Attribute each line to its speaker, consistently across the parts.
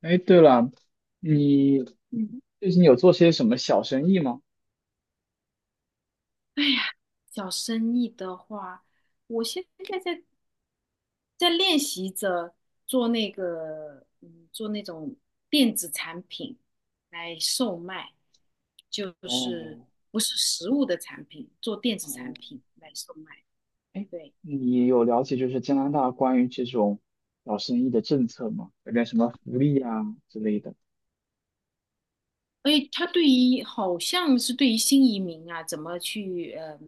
Speaker 1: 哎，对了，你
Speaker 2: 嗯。
Speaker 1: 最近有做些什么小生意吗？
Speaker 2: 哎呀，小生意的话，我现在在练习着做那个，做那种电子产品来售卖，就是
Speaker 1: 哦，
Speaker 2: 不是实物的产品，做电子产
Speaker 1: 哦，
Speaker 2: 品来售卖。
Speaker 1: 哎，
Speaker 2: 对。
Speaker 1: 你有了解加拿大关于这种小生意的政策吗？有点什么福利啊之类的？
Speaker 2: 哎，他对于好像是对于新移民啊，怎么去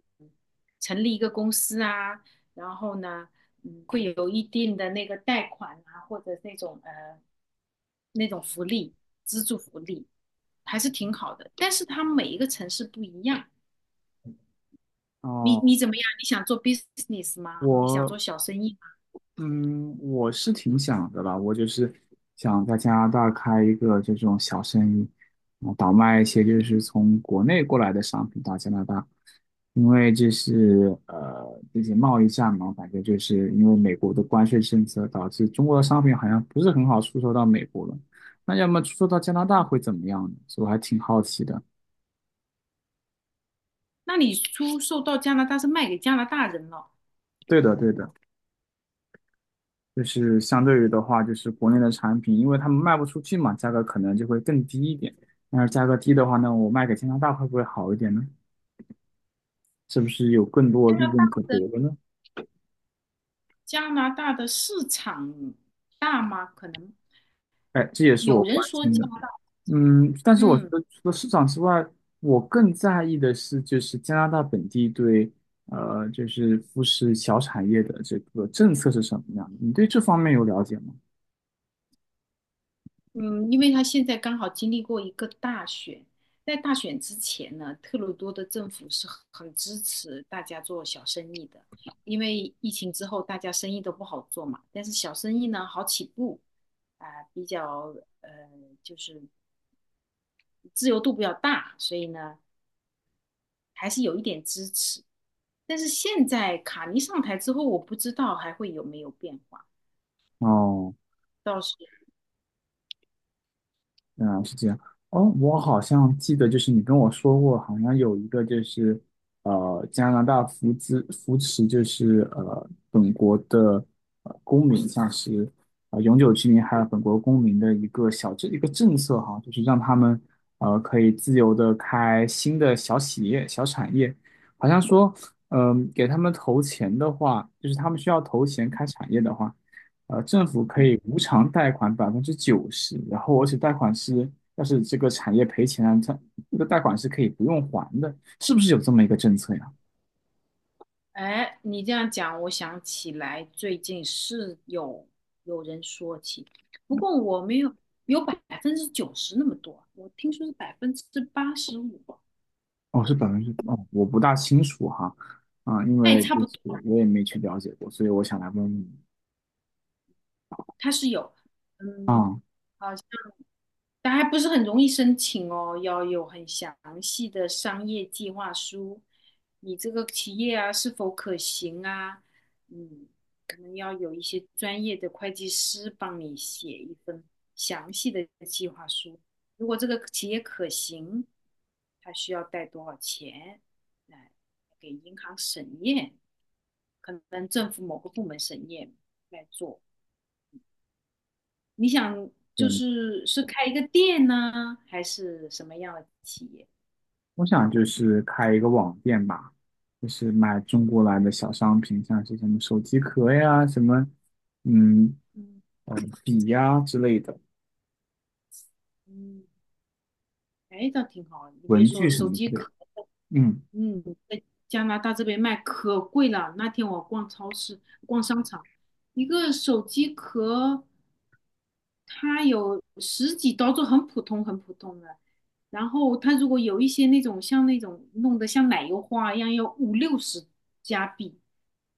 Speaker 2: 成立一个公司啊，然后呢，会有一定的那个贷款啊，或者那种那种福利，资助福利，还是挺好的。但是它每一个城市不一样。你
Speaker 1: 哦，
Speaker 2: 你怎么样？你想做 business 吗？你想做
Speaker 1: 我
Speaker 2: 小生意吗？
Speaker 1: 嗯，我是挺想的吧，我就是想在加拿大开一个这种小生意，啊，倒卖一些就是从国内过来的商品到加拿大，因为这是这些贸易战嘛，感觉就是因为美国的关税政策导致中国的商品好像不是很好出售到美国了，那要么出售到加拿大会怎么样呢？所以我还挺好奇的。
Speaker 2: 那你出售到加拿大是卖给加拿大人了。
Speaker 1: 对的，对的。就是相对于的话，就是国内的产品，因为他们卖不出去嘛，价格可能就会更低一点。那价格低的话呢，我卖给加拿大会不会好一点呢？是不是有更多
Speaker 2: 加
Speaker 1: 利
Speaker 2: 拿大
Speaker 1: 润可
Speaker 2: 的
Speaker 1: 得的呢？
Speaker 2: 加拿大的市场大吗？可能
Speaker 1: 哎，这也是我
Speaker 2: 有人
Speaker 1: 关
Speaker 2: 说
Speaker 1: 心
Speaker 2: 加
Speaker 1: 的。
Speaker 2: 拿大。
Speaker 1: 嗯，但是我觉
Speaker 2: 嗯。
Speaker 1: 得除了市场之外，我更在意的是就是加拿大本地对就是富士小产业的这个政策是什么样的？你对这方面有了解吗？
Speaker 2: 嗯，因为他现在刚好经历过一个大选，在大选之前呢，特鲁多的政府是很支持大家做小生意的，因为疫情之后大家生意都不好做嘛，但是小生意呢好起步，啊、比较呃就是自由度比较大，所以呢还是有一点支持。但是现在卡尼上台之后，我不知道还会有没有变化。嗯。
Speaker 1: 哦。嗯，是这样。哦，我好像记得，就是你跟我说过，好像有一个就是，呃，加拿大扶资扶持，就是呃，本国的公民，像是永久居民还有本国公民的一个政策哈，就是让他们可以自由的开新的小企业、小产业，好像说，嗯、给他们投钱的话，就是他们需要投钱开产业的话。呃，政府可以无偿贷款90%，然后而且贷款是，要是这个产业赔钱了，它这个贷款是可以不用还的，是不是有这么一个政策呀？
Speaker 2: 哎，你这样讲，我想起来最近是有人说起，不过我没有有90%那么多，我听说是85%，
Speaker 1: 哦，是百分之，哦，我不大清楚哈，啊，因
Speaker 2: 那也
Speaker 1: 为
Speaker 2: 差
Speaker 1: 就
Speaker 2: 不
Speaker 1: 是
Speaker 2: 多。
Speaker 1: 我也没去了解过，所以我想来问问你
Speaker 2: 它是有，嗯，
Speaker 1: 啊，
Speaker 2: 好。但还不是很容易申请哦，要有很详细的商业计划书，你这个企业啊是否可行啊？嗯，可能要有一些专业的会计师帮你写一份详细的计划书。如果这个企业可行，它需要贷多少钱？来给银行审验，可能政府某个部门审验来做。你想就
Speaker 1: 嗯，
Speaker 2: 是是开一个店呢，还是什么样的企业？
Speaker 1: 我想就是开一个网店吧，就是卖中国来的小商品，像是什么手机壳呀，什么，嗯，
Speaker 2: 嗯
Speaker 1: 呃，笔呀之类的，
Speaker 2: 嗯。哎，倒挺好。你别
Speaker 1: 文具
Speaker 2: 说，
Speaker 1: 什
Speaker 2: 手
Speaker 1: 么之
Speaker 2: 机
Speaker 1: 类的，
Speaker 2: 壳，
Speaker 1: 嗯。
Speaker 2: 嗯，加拿大这边卖可贵了。那天我逛超市、逛商场，一个手机壳它有十几刀，就很普通、很普通的。然后它如果有一些那种像那种弄得像奶油花一样，要五六十加币，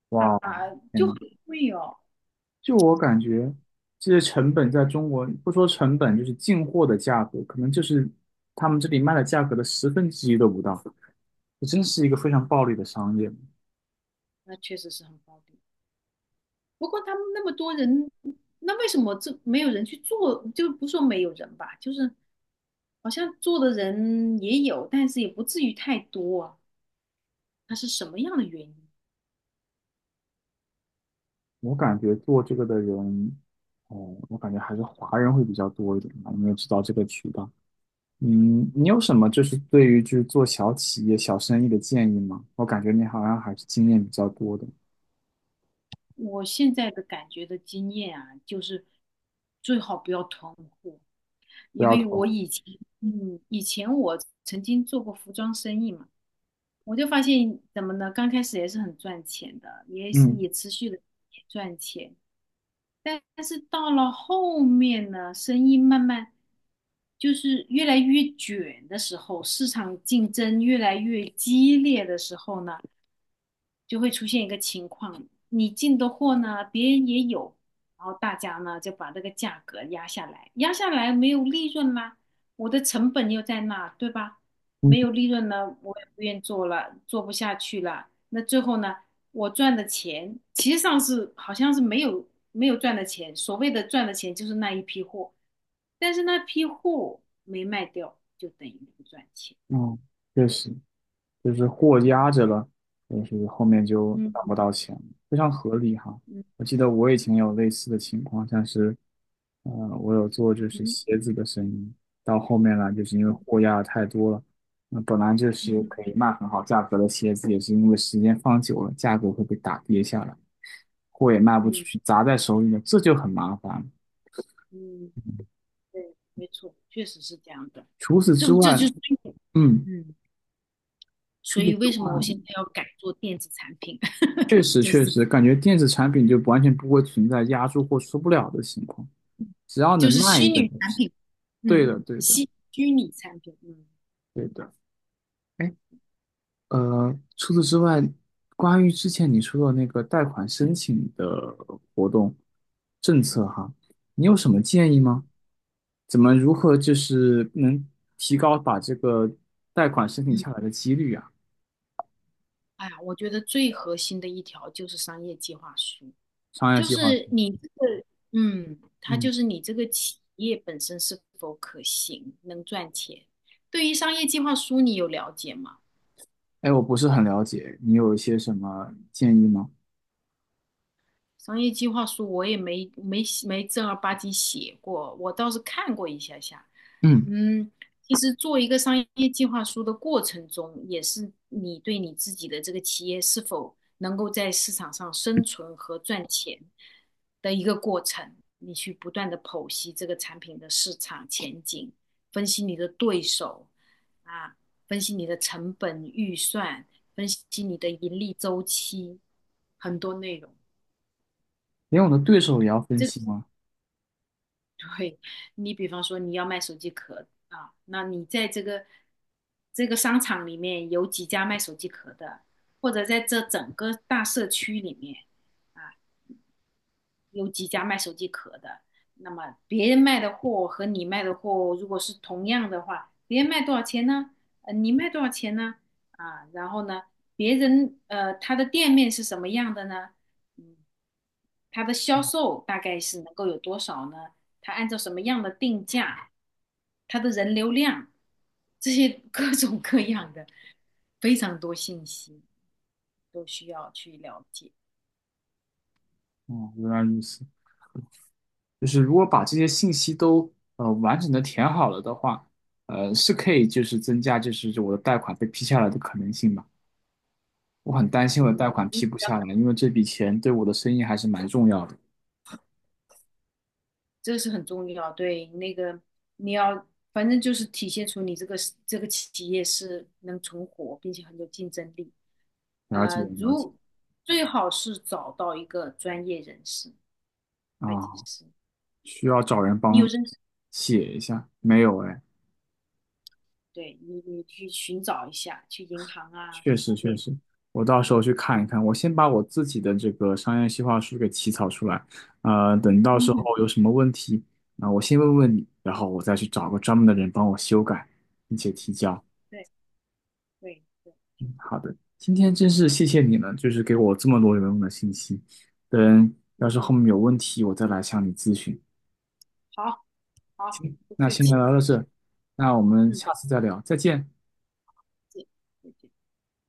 Speaker 1: 哇哦，天
Speaker 2: 就
Speaker 1: 呐，
Speaker 2: 很贵哦。
Speaker 1: 就我感觉，这些成本在中国不说成本，就是进货的价格，可能就是他们这里卖的价格的1/10都不到。这真是一个非
Speaker 2: 嗯，
Speaker 1: 常暴利的商业。
Speaker 2: 那确实是很高的。不过他们那么多人，那为什么这没有人去做？就不说没有人吧，就是好像做的人也有，但是也不至于太多啊。它是什么样的原因？
Speaker 1: 我感觉做这个的人，哦，我感觉还是华人会比较多一点吧，因为知道这个渠道。嗯，你有什么就是对于就是做小企业、小生意的建议吗？我感觉你好像还是经验比较多的，
Speaker 2: 我现在的感觉的经验啊，就是最好不要囤货。
Speaker 1: 不
Speaker 2: 因
Speaker 1: 要
Speaker 2: 为我
Speaker 1: 投。
Speaker 2: 以前，嗯，以前我曾经做过服装生意嘛，我就发现怎么呢？刚开始也是很赚钱的，也是
Speaker 1: 嗯
Speaker 2: 也持续的赚钱。但是到了后面呢，生意慢慢就是越来越卷的时候，市场竞争越来越激烈的时候呢，就会出现一个情况，你进的货呢，别人也有，然后大家呢就把这个价格压下来，压下来没有利润啦，我的成本又在那，对吧？
Speaker 1: 嗯
Speaker 2: 没有利润呢，我也不愿做了，做不下去了。那最后呢，我赚的钱其实上是好像是没有赚的钱，所谓的赚的钱就是那一批货，但是那批货没卖掉，就等于不赚钱。
Speaker 1: 哦，确实。就是货压
Speaker 2: 嗯
Speaker 1: 着了，就是后面就拿
Speaker 2: 嗯，
Speaker 1: 不到钱了非常合理哈。
Speaker 2: 嗯，嗯
Speaker 1: 我记得我以前有
Speaker 2: 嗯
Speaker 1: 类似的情况，像是，呃，我有做就
Speaker 2: 嗯
Speaker 1: 是
Speaker 2: 哼，
Speaker 1: 鞋子的生意，到后面来就是因为
Speaker 2: 嗯，
Speaker 1: 货压的太多了，那本来就
Speaker 2: 嗯
Speaker 1: 是
Speaker 2: 哼。
Speaker 1: 可以卖很好价格的鞋子，也是因为时间放久了，价格会被打跌下来，货也卖不出
Speaker 2: 嗯
Speaker 1: 去，砸在手里了，这就很麻烦。
Speaker 2: 嗯，对，没错，确实是这样的。
Speaker 1: 除此
Speaker 2: 这
Speaker 1: 之
Speaker 2: 个这就
Speaker 1: 外，
Speaker 2: 是，
Speaker 1: 嗯，
Speaker 2: 嗯，
Speaker 1: 除
Speaker 2: 所
Speaker 1: 此
Speaker 2: 以
Speaker 1: 之
Speaker 2: 为什么我现在
Speaker 1: 外，
Speaker 2: 要改做电子产品，
Speaker 1: 确 实
Speaker 2: 就是
Speaker 1: 确
Speaker 2: 这个，
Speaker 1: 实感觉电子产品就完全不会存在压住货出不了的情况。
Speaker 2: 嗯
Speaker 1: 只要能
Speaker 2: 就是
Speaker 1: 卖一
Speaker 2: 虚
Speaker 1: 个
Speaker 2: 拟
Speaker 1: 东
Speaker 2: 产
Speaker 1: 西
Speaker 2: 品，
Speaker 1: 对
Speaker 2: 嗯，
Speaker 1: 的，对的，
Speaker 2: 虚拟产品，嗯
Speaker 1: 对的。哎，除此之外，关于之前你说的那个贷款申请的活动政
Speaker 2: 嗯，
Speaker 1: 策哈，你有什么建议
Speaker 2: 嗯
Speaker 1: 吗？怎么如何就是能提高把这个贷款申请
Speaker 2: 嗯。
Speaker 1: 下来的几率啊？
Speaker 2: 哎呀，我觉得最核心的一条就是商业计划书，
Speaker 1: 商业
Speaker 2: 就
Speaker 1: 计划书，
Speaker 2: 是你这个，嗯，它
Speaker 1: 嗯，
Speaker 2: 就是你这个企业本身是否可行，能赚钱。对于商业计划书，你有了解吗？
Speaker 1: 哎，我不是很了解，你有一些什么建议吗？
Speaker 2: 商业计划书我也没正儿八经写过，我倒是看过一下下。
Speaker 1: 嗯，
Speaker 2: 嗯，其实做一个商业计划书的过程中，也是你对你自己的这个企业是否能够在市场上生存和赚钱的一个过程。你去不断的剖析这个产品的市场前景，分析你的对手啊，分析你的成本预算，分析你的盈利周期，很多内容。
Speaker 1: 连我的对手也要分
Speaker 2: 这
Speaker 1: 析吗？
Speaker 2: 对，你比方说你要卖手机壳啊，那你在这个商场里面有几家卖手机壳的，或者在这整个大社区里面。啊。有几家卖手机壳的，那么别人卖的货和你卖的货如果是同样的话，别人卖多少钱呢？你卖多少钱呢？啊，然后呢，别人他的店面是什么样的呢？嗯，他的销售大概是能够有多少呢？他按照什么样的定价？他的人流量，这些 各种各样的非常多信息都需要去了解。
Speaker 1: 哦，原来如此。就是如果把这些信息都完整的填好了的话，是可以就是增加就是我的贷款被批下来的可能性吧。我很担心我的
Speaker 2: 嗯，
Speaker 1: 贷款批不下来，因为这笔钱对我的生意还是蛮重要的。
Speaker 2: 这个是很重要。对，那个你要，反正就是体现出你这个企业是能存活，并且很有竞争力。
Speaker 1: 了解
Speaker 2: 呃，
Speaker 1: 了解
Speaker 2: 如最好是找到一个专业人士，会计
Speaker 1: 啊，
Speaker 2: 师，
Speaker 1: 需要找人
Speaker 2: 你有
Speaker 1: 帮
Speaker 2: 认识，
Speaker 1: 写一下，
Speaker 2: 嗯，
Speaker 1: 没有哎。
Speaker 2: 对你去寻找一下，去银行啊
Speaker 1: 确
Speaker 2: 各
Speaker 1: 实
Speaker 2: 方
Speaker 1: 确
Speaker 2: 面，
Speaker 1: 实，我到时候去看
Speaker 2: 嗯，
Speaker 1: 一看。我先把我自己的这个商业计划书给起草出来，呃，等到
Speaker 2: 嗯
Speaker 1: 时候
Speaker 2: 哼，
Speaker 1: 有什么问题，啊、我先问问你，然后我再去找个专门的人帮我修改，并且提交。
Speaker 2: 对对对，挺好，
Speaker 1: 好的，今天真是谢谢
Speaker 2: 嗯
Speaker 1: 你了，就是给我这么多有用的信息。等要
Speaker 2: 嗯，
Speaker 1: 是后面有问题，我再来向你咨询。
Speaker 2: 好好，不
Speaker 1: 那
Speaker 2: 客
Speaker 1: 先聊
Speaker 2: 气，
Speaker 1: 到这，那我们
Speaker 2: 嗯，
Speaker 1: 下次再聊，再见。
Speaker 2: 再见。再见